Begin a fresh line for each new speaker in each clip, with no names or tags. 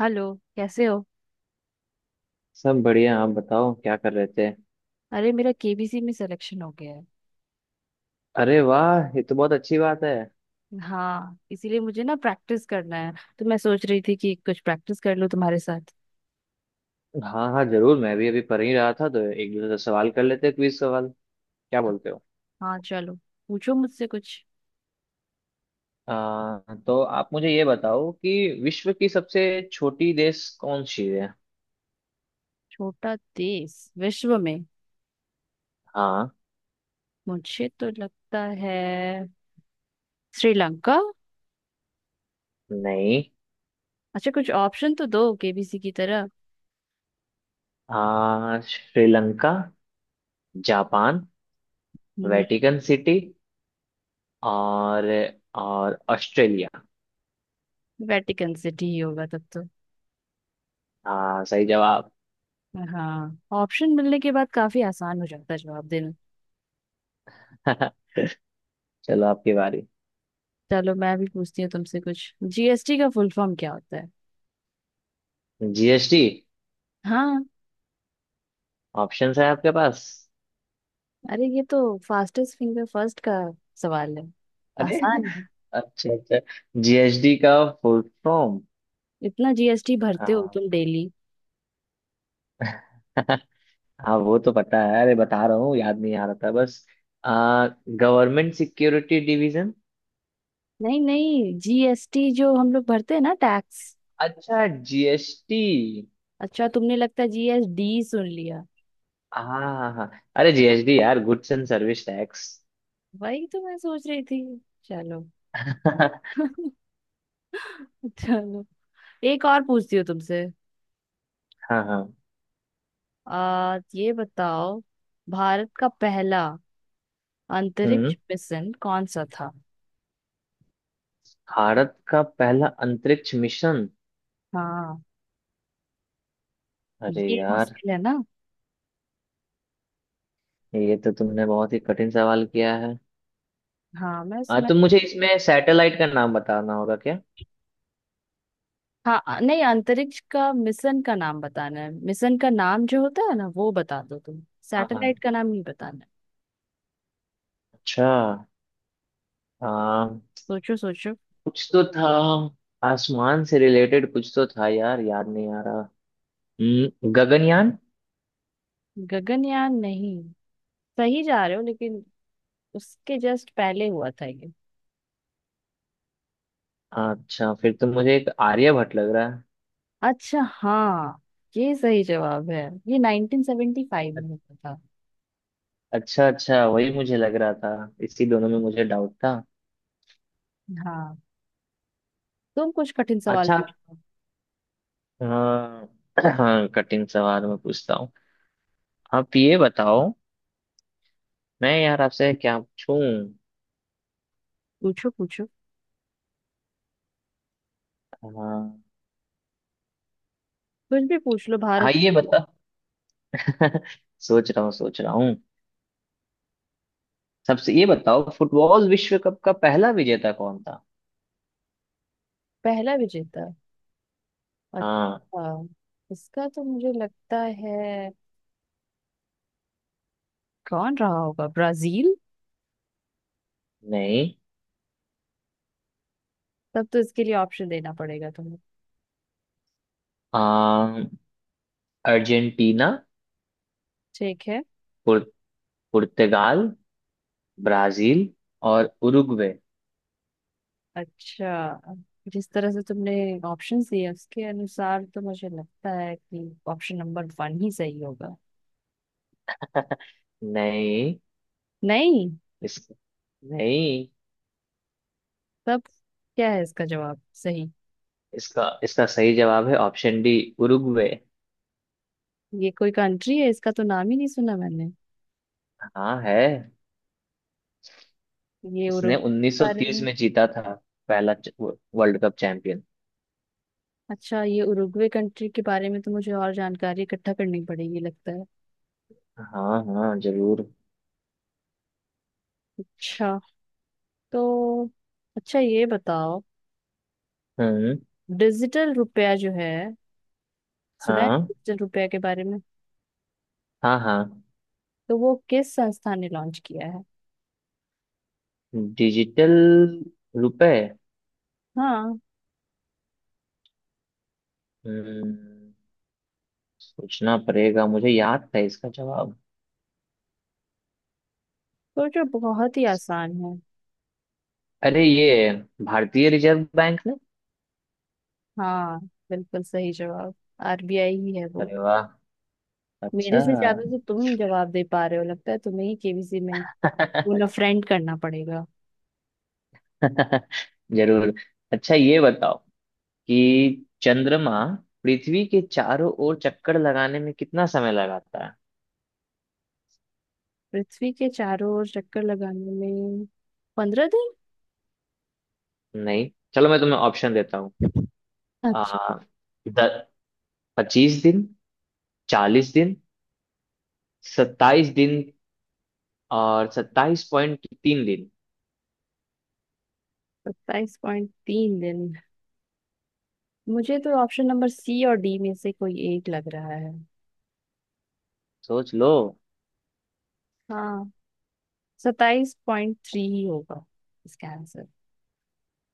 Hello. कैसे हो?
सब बढ़िया। आप बताओ क्या कर रहे थे?
अरे, मेरा केबीसी में सिलेक्शन हो गया है।
अरे वाह, ये तो बहुत अच्छी बात है।
हाँ, इसीलिए मुझे ना प्रैक्टिस करना है। तो मैं सोच रही थी कि कुछ प्रैक्टिस कर लूँ तुम्हारे साथ।
हाँ हाँ, जरूर। मैं भी अभी पढ़ ही रहा था, तो एक दूसरे से सवाल कर लेते, क्विज सवाल। क्या बोलते हो?
हाँ, चलो, पूछो मुझसे कुछ।
तो आप मुझे ये बताओ कि विश्व की सबसे छोटी देश कौन सी है?
छोटा देश विश्व में।
हाँ।
मुझे तो लगता है श्रीलंका।
नहीं।
अच्छा, कुछ ऑप्शन तो दो केबीसी की तरह।
श्रीलंका, जापान,
हम्म
वेटिकन सिटी और और ऑस्ट्रेलिया।
वेटिकन सिटी ही होगा तब तो।
हाँ, सही जवाब।
हाँ, ऑप्शन मिलने के बाद काफी आसान हो जाता है जवाब देना।
चलो, आपकी बारी।
चलो, मैं भी पूछती हूँ तुमसे कुछ। जीएसटी का फुल फॉर्म क्या होता है?
जीएसटी।
हाँ।
ऑप्शंस है आपके पास?
अरे, ये तो फास्टेस्ट फिंगर फर्स्ट का सवाल है।
अरे।
आसान है।
अच्छा अच्छा। जीएसटी का फुल फॉर्म।
इतना जीएसटी भरते हो
हाँ।
तुम डेली?
हाँ, वो तो पता है, अरे बता रहा हूँ, याद नहीं आ रहा था बस। आ गवर्नमेंट सिक्योरिटी डिवीजन।
नहीं नहीं, जीएसटी जो हम लोग भरते हैं ना, टैक्स।
अच्छा, जीएसटी।
अच्छा, तुमने लगता है जीएसडी सुन लिया।
हाँ हाँ हाँ। अरे जीएसटी यार, गुड्स एंड सर्विस टैक्स।
वही तो मैं सोच रही थी। चलो।
हाँ।
चलो, एक और पूछती हूँ तुमसे।
हाँ।
आ ये बताओ, भारत का पहला
हम्म।
अंतरिक्ष मिशन कौन सा था?
भारत का पहला अंतरिक्ष मिशन।
हाँ,
अरे
ये
यार,
मुश्किल है ना।
ये तो तुमने बहुत ही कठिन सवाल किया है।
हाँ, मैं।
तुम मुझे इसमें सैटेलाइट का नाम बताना होगा क्या?
हाँ, नहीं, अंतरिक्ष का मिशन का नाम बताना है। मिशन का नाम जो होता है ना, वो बता दो तुम।
हाँ
सैटेलाइट
हाँ।
का नाम नहीं बताना है।
अच्छा। हाँ।
सोचो सोचो।
कुछ तो था, आसमान से रिलेटेड कुछ तो था यार, याद नहीं आ रहा। गगनयान।
गगनयान नहीं। सही जा रहे हो, लेकिन उसके जस्ट पहले हुआ था ये।
अच्छा, फिर तो मुझे एक आर्यभट्ट लग रहा है।
अच्छा, हाँ, ये सही जवाब है। ये 1975 में हुआ था।
अच्छा अच्छा, वही मुझे लग रहा था। इसी दोनों में मुझे डाउट था।
हाँ, तुम कुछ कठिन सवाल
अच्छा,
पूछो।
हाँ। हाँ, कठिन सवाल मैं पूछता हूँ। आप ये बताओ। मैं यार आपसे क्या पूछूं?
पूछो पूछो।
हाँ।
कुछ भी पूछ लो।
हाँ,
भारत।
ये बता। सोच रहा हूँ, सोच रहा हूँ। सबसे ये बताओ, फुटबॉल विश्व कप का पहला विजेता कौन था?
पहला विजेता।
हाँ।
अच्छा, इसका तो मुझे लगता है, कौन रहा होगा, ब्राजील।
नहीं।
तब तो इसके लिए ऑप्शन देना पड़ेगा तुम्हें।
अम, अर्जेंटीना।
ठीक है।
पुर, पुर्तगाल। ब्राजील। और उरुग्वे।
अच्छा, जिस तरह से तुमने ऑप्शंस दिए उसके अनुसार तो मुझे लगता है कि ऑप्शन नंबर वन ही सही होगा।
नहीं।
नहीं।
इस नहीं।
तब क्या है इसका जवाब सही?
इसका इसका सही जवाब है, ऑप्शन डी। उरुग्वे।
ये कोई कंट्री है? इसका तो नाम ही नहीं सुना मैंने।
हाँ, है।
ये उरुग,
इसने
बारे
1930
में।
में जीता था। पहला वर्ल्ड कप चैंपियन।
अच्छा, ये उरुग्वे कंट्री के बारे में तो मुझे और जानकारी इकट्ठा करनी पड़ेगी लगता है।
हाँ हाँ, जरूर।
अच्छा। तो। अच्छा, ये बताओ,
हम्म।
डिजिटल रुपया जो है, सुना है
हाँ
डिजिटल रुपया के बारे में?
हाँ हाँ।
तो वो किस संस्था ने लॉन्च किया है?
डिजिटल रुपए।
हाँ,
हम्म। सोचना पड़ेगा, मुझे याद था इसका जवाब।
सोचो, बहुत ही आसान है।
अरे ये, भारतीय रिजर्व बैंक ने।
हाँ, बिल्कुल सही जवाब। आरबीआई ही है वो।
अरे वाह।
मेरे
अच्छा।
से ज्यादा तो तुम जवाब दे पा रहे हो, लगता है तुम्हें ही केबीसी में उन्हें फ्रेंड करना पड़ेगा।
जरूर। अच्छा, ये बताओ कि चंद्रमा पृथ्वी के चारों ओर चक्कर लगाने में कितना समय लगाता है?
पृथ्वी के चारों ओर चक्कर लगाने में 15 दिन।
नहीं, चलो मैं तुम्हें ऑप्शन देता हूँ। आ
अच्छा।
द, 25 दिन, 40 दिन, 27 दिन और 27.3 दिन।
27.3 दिन। मुझे तो ऑप्शन नंबर सी और डी में से कोई एक लग रहा है।
सोच लो।
हाँ, 27.3 ही होगा इसका आंसर।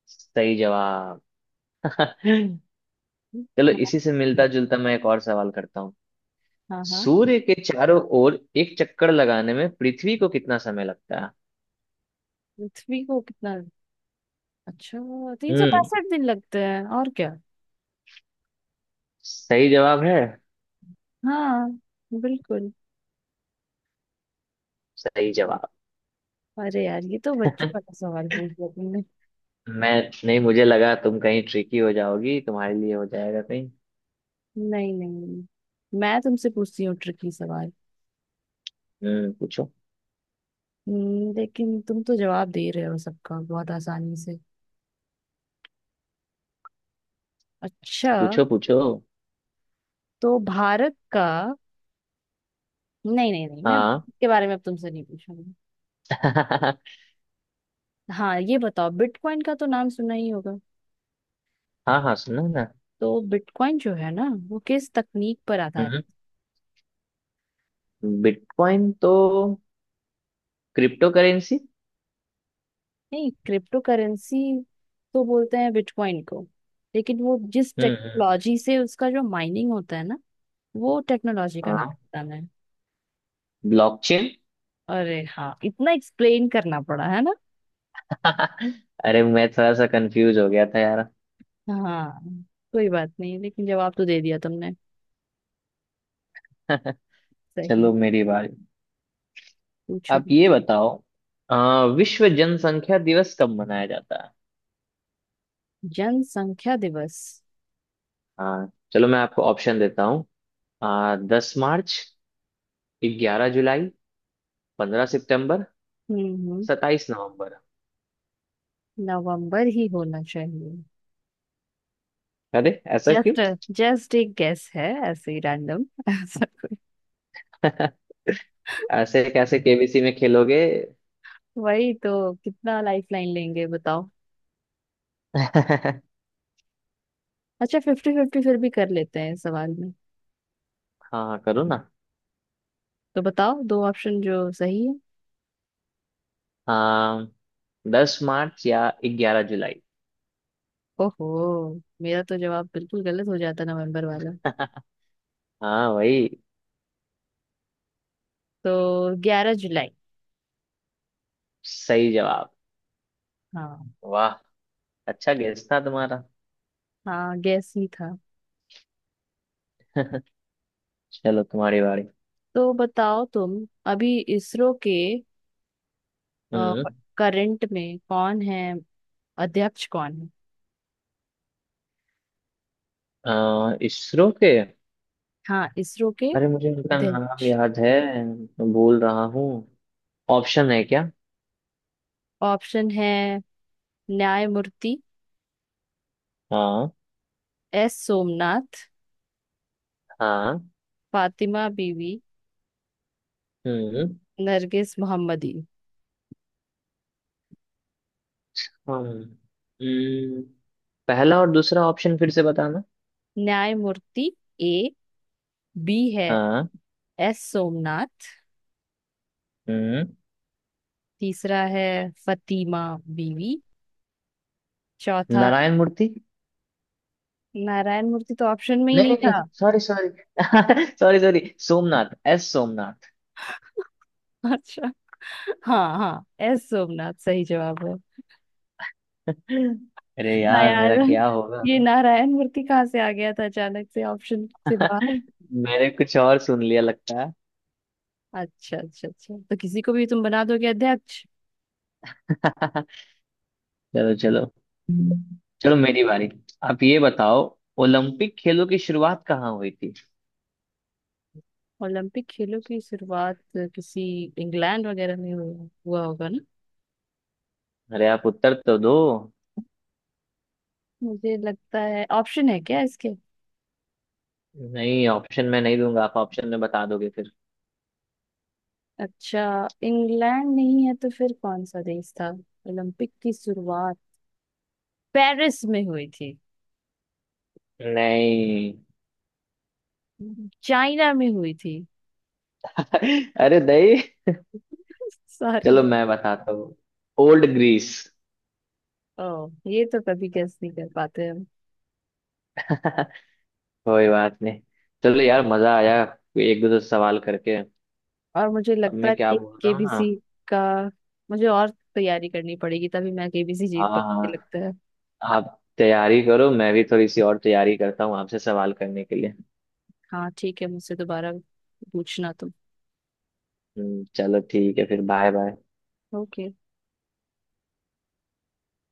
सही जवाब। चलो,
हाँ
इसी से मिलता जुलता मैं एक और सवाल करता हूँ।
हाँ हाँ।
सूर्य के चारों ओर एक चक्कर लगाने में पृथ्वी को कितना समय लगता है?
पृथ्वी को कितना? अच्छा, तीन सौ
हम्म।
पैंसठ दिन लगते हैं और क्या।
सही जवाब है।
हाँ, बिल्कुल।
सही जवाब।
अरे यार, ये तो बच्चों वाला सवाल पूछ लिया तुमने।
मैं नहीं, मुझे लगा तुम कहीं ट्रिकी हो जाओगी, तुम्हारे लिए हो जाएगा कहीं।
नहीं नहीं नहीं। मैं तुमसे पूछती हूँ ट्रिकी सवाल।
हम्म, पूछो।
लेकिन तुम तो जवाब दे रहे हो सबका, बहुत आसानी से। अच्छा,
पूछो पूछो।
तो भारत का, नहीं नहीं नहीं, मैं
हाँ।
के बारे में अब तुमसे नहीं पूछूंगी।
हाँ।
हाँ, ये बताओ, बिटकॉइन का तो नाम सुना ही होगा।
हाँ, सुनो ना।
तो बिटकॉइन जो है ना, वो किस तकनीक पर आधारित?
हम्म। बिटकॉइन तो क्रिप्टो करेंसी।
नहीं, क्रिप्टो करेंसी तो बोलते हैं बिटकॉइन को, लेकिन वो जिस
हम्म।
टेक्नोलॉजी से, उसका जो माइनिंग होता है ना, वो टेक्नोलॉजी का नाम
हाँ।
पता नहीं।
ब्लॉकचेन।
अरे हाँ, इतना एक्सप्लेन करना पड़ा है ना।
अरे, मैं थोड़ा सा कंफ्यूज हो गया था यार।
हाँ, कोई बात नहीं, लेकिन जवाब तो दे दिया तुमने सही।
चलो, मेरी बारी।
पूछो।
आप ये बताओ। अ, विश्व जनसंख्या दिवस कब मनाया जाता है?
जनसंख्या दिवस।
आ, चलो मैं आपको ऑप्शन देता हूँ। 10 मार्च, 11 जुलाई, 15 सितंबर,
हम्म, हम्म।
27 नवंबर।
नवंबर ही होना चाहिए।
अरे, ऐसा क्यों?
जस्ट जस्ट एक गेस है ऐसे ही रैंडम। ऐसा कोई।
ऐसे कैसे केबीसी में खेलोगे?
वही तो, कितना लाइफ लाइन लेंगे बताओ।
हाँ।
अच्छा, फिफ्टी फिफ्टी फिर भी कर लेते हैं इस सवाल में।
करो ना।
तो बताओ, दो ऑप्शन जो सही है।
आ, 10 मार्च या 11 जुलाई।
ओहो, मेरा तो जवाब बिल्कुल गलत हो जाता, नवंबर वाला।
हाँ वही।
तो 11 जुलाई।
सही जवाब।
हाँ।
वाह। अच्छा गेस था तुम्हारा।
हाँ, गैस ही था।
चलो, तुम्हारी बारी।
तो बताओ तुम, अभी इसरो के
हम्म।
करंट में कौन है, अध्यक्ष कौन है?
इसरो के।
हाँ, इसरो के
अरे, मुझे उनका नाम
अध्यक्ष।
याद है। मैं भूल रहा हूँ। ऑप्शन है क्या?
ऑप्शन है, न्यायमूर्ति,
हाँ।
एस सोमनाथ,
हाँ।
फातिमा बीवी,
हम्म।
नरगिस मोहम्मदी।
हम, हम्म। पहला और दूसरा ऑप्शन फिर से बताना।
न्यायमूर्ति ए। बी है,
हाँ।
एस सोमनाथ।
हम्म।
तीसरा है फतिमा बीवी। चौथा
नारायण मूर्ति।
नारायण मूर्ति तो ऑप्शन में ही
नहीं
नहीं
नहीं
था।
नहीं, sorry sorry. Sorry sorry. Somnath, S Somnath.
अच्छा, हाँ हाँ, एस सोमनाथ सही जवाब है।
अरे
ना
यार,
यार,
मेरा क्या होगा?
ये नारायण मूर्ति कहाँ से आ गया था अचानक से, ऑप्शन से बाहर?
मैंने कुछ और सुन लिया लगता है।
अच्छा अच्छा अच्छा, तो किसी को भी तुम बना दोगे अध्यक्ष।
चलो चलो।
हम्म।
चलो, मेरी बारी। आप ये बताओ। ओलंपिक खेलों की शुरुआत कहाँ हुई थी?
ओलंपिक खेलों की शुरुआत किसी इंग्लैंड वगैरह में हुआ, हुआ होगा ना?
अरे, आप उत्तर तो दो।
मुझे लगता है, ऑप्शन है क्या इसके?
नहीं, ऑप्शन में नहीं दूंगा, आप ऑप्शन में बता दोगे फिर।
अच्छा, इंग्लैंड नहीं है तो फिर कौन सा देश था ओलंपिक की शुरुआत? पेरिस में हुई थी?
नहीं।
चाइना में हुई थी?
अरे नहीं।
सारे
चलो
देश।
मैं बताता हूँ। Old Greece.
ओ, ये तो कभी गेस नहीं कर पाते हम।
कोई बात नहीं। चलो यार, मजा आया। एक दो दो सवाल करके।
और मुझे
अब
लगता
मैं
है
क्या
कि
बोल रहा हूँ ना।
केबीसी का, मुझे और तैयारी करनी पड़ेगी तभी मैं केबीसी
हाँ
जीत पाऊंगी
हाँ।
लगता है।
आप तैयारी करो, मैं भी थोड़ी सी और तैयारी करता हूँ आपसे सवाल करने के लिए।
हाँ, ठीक है, मुझसे दोबारा पूछना तुम।
चलो ठीक है, फिर बाय बाय।
ओके।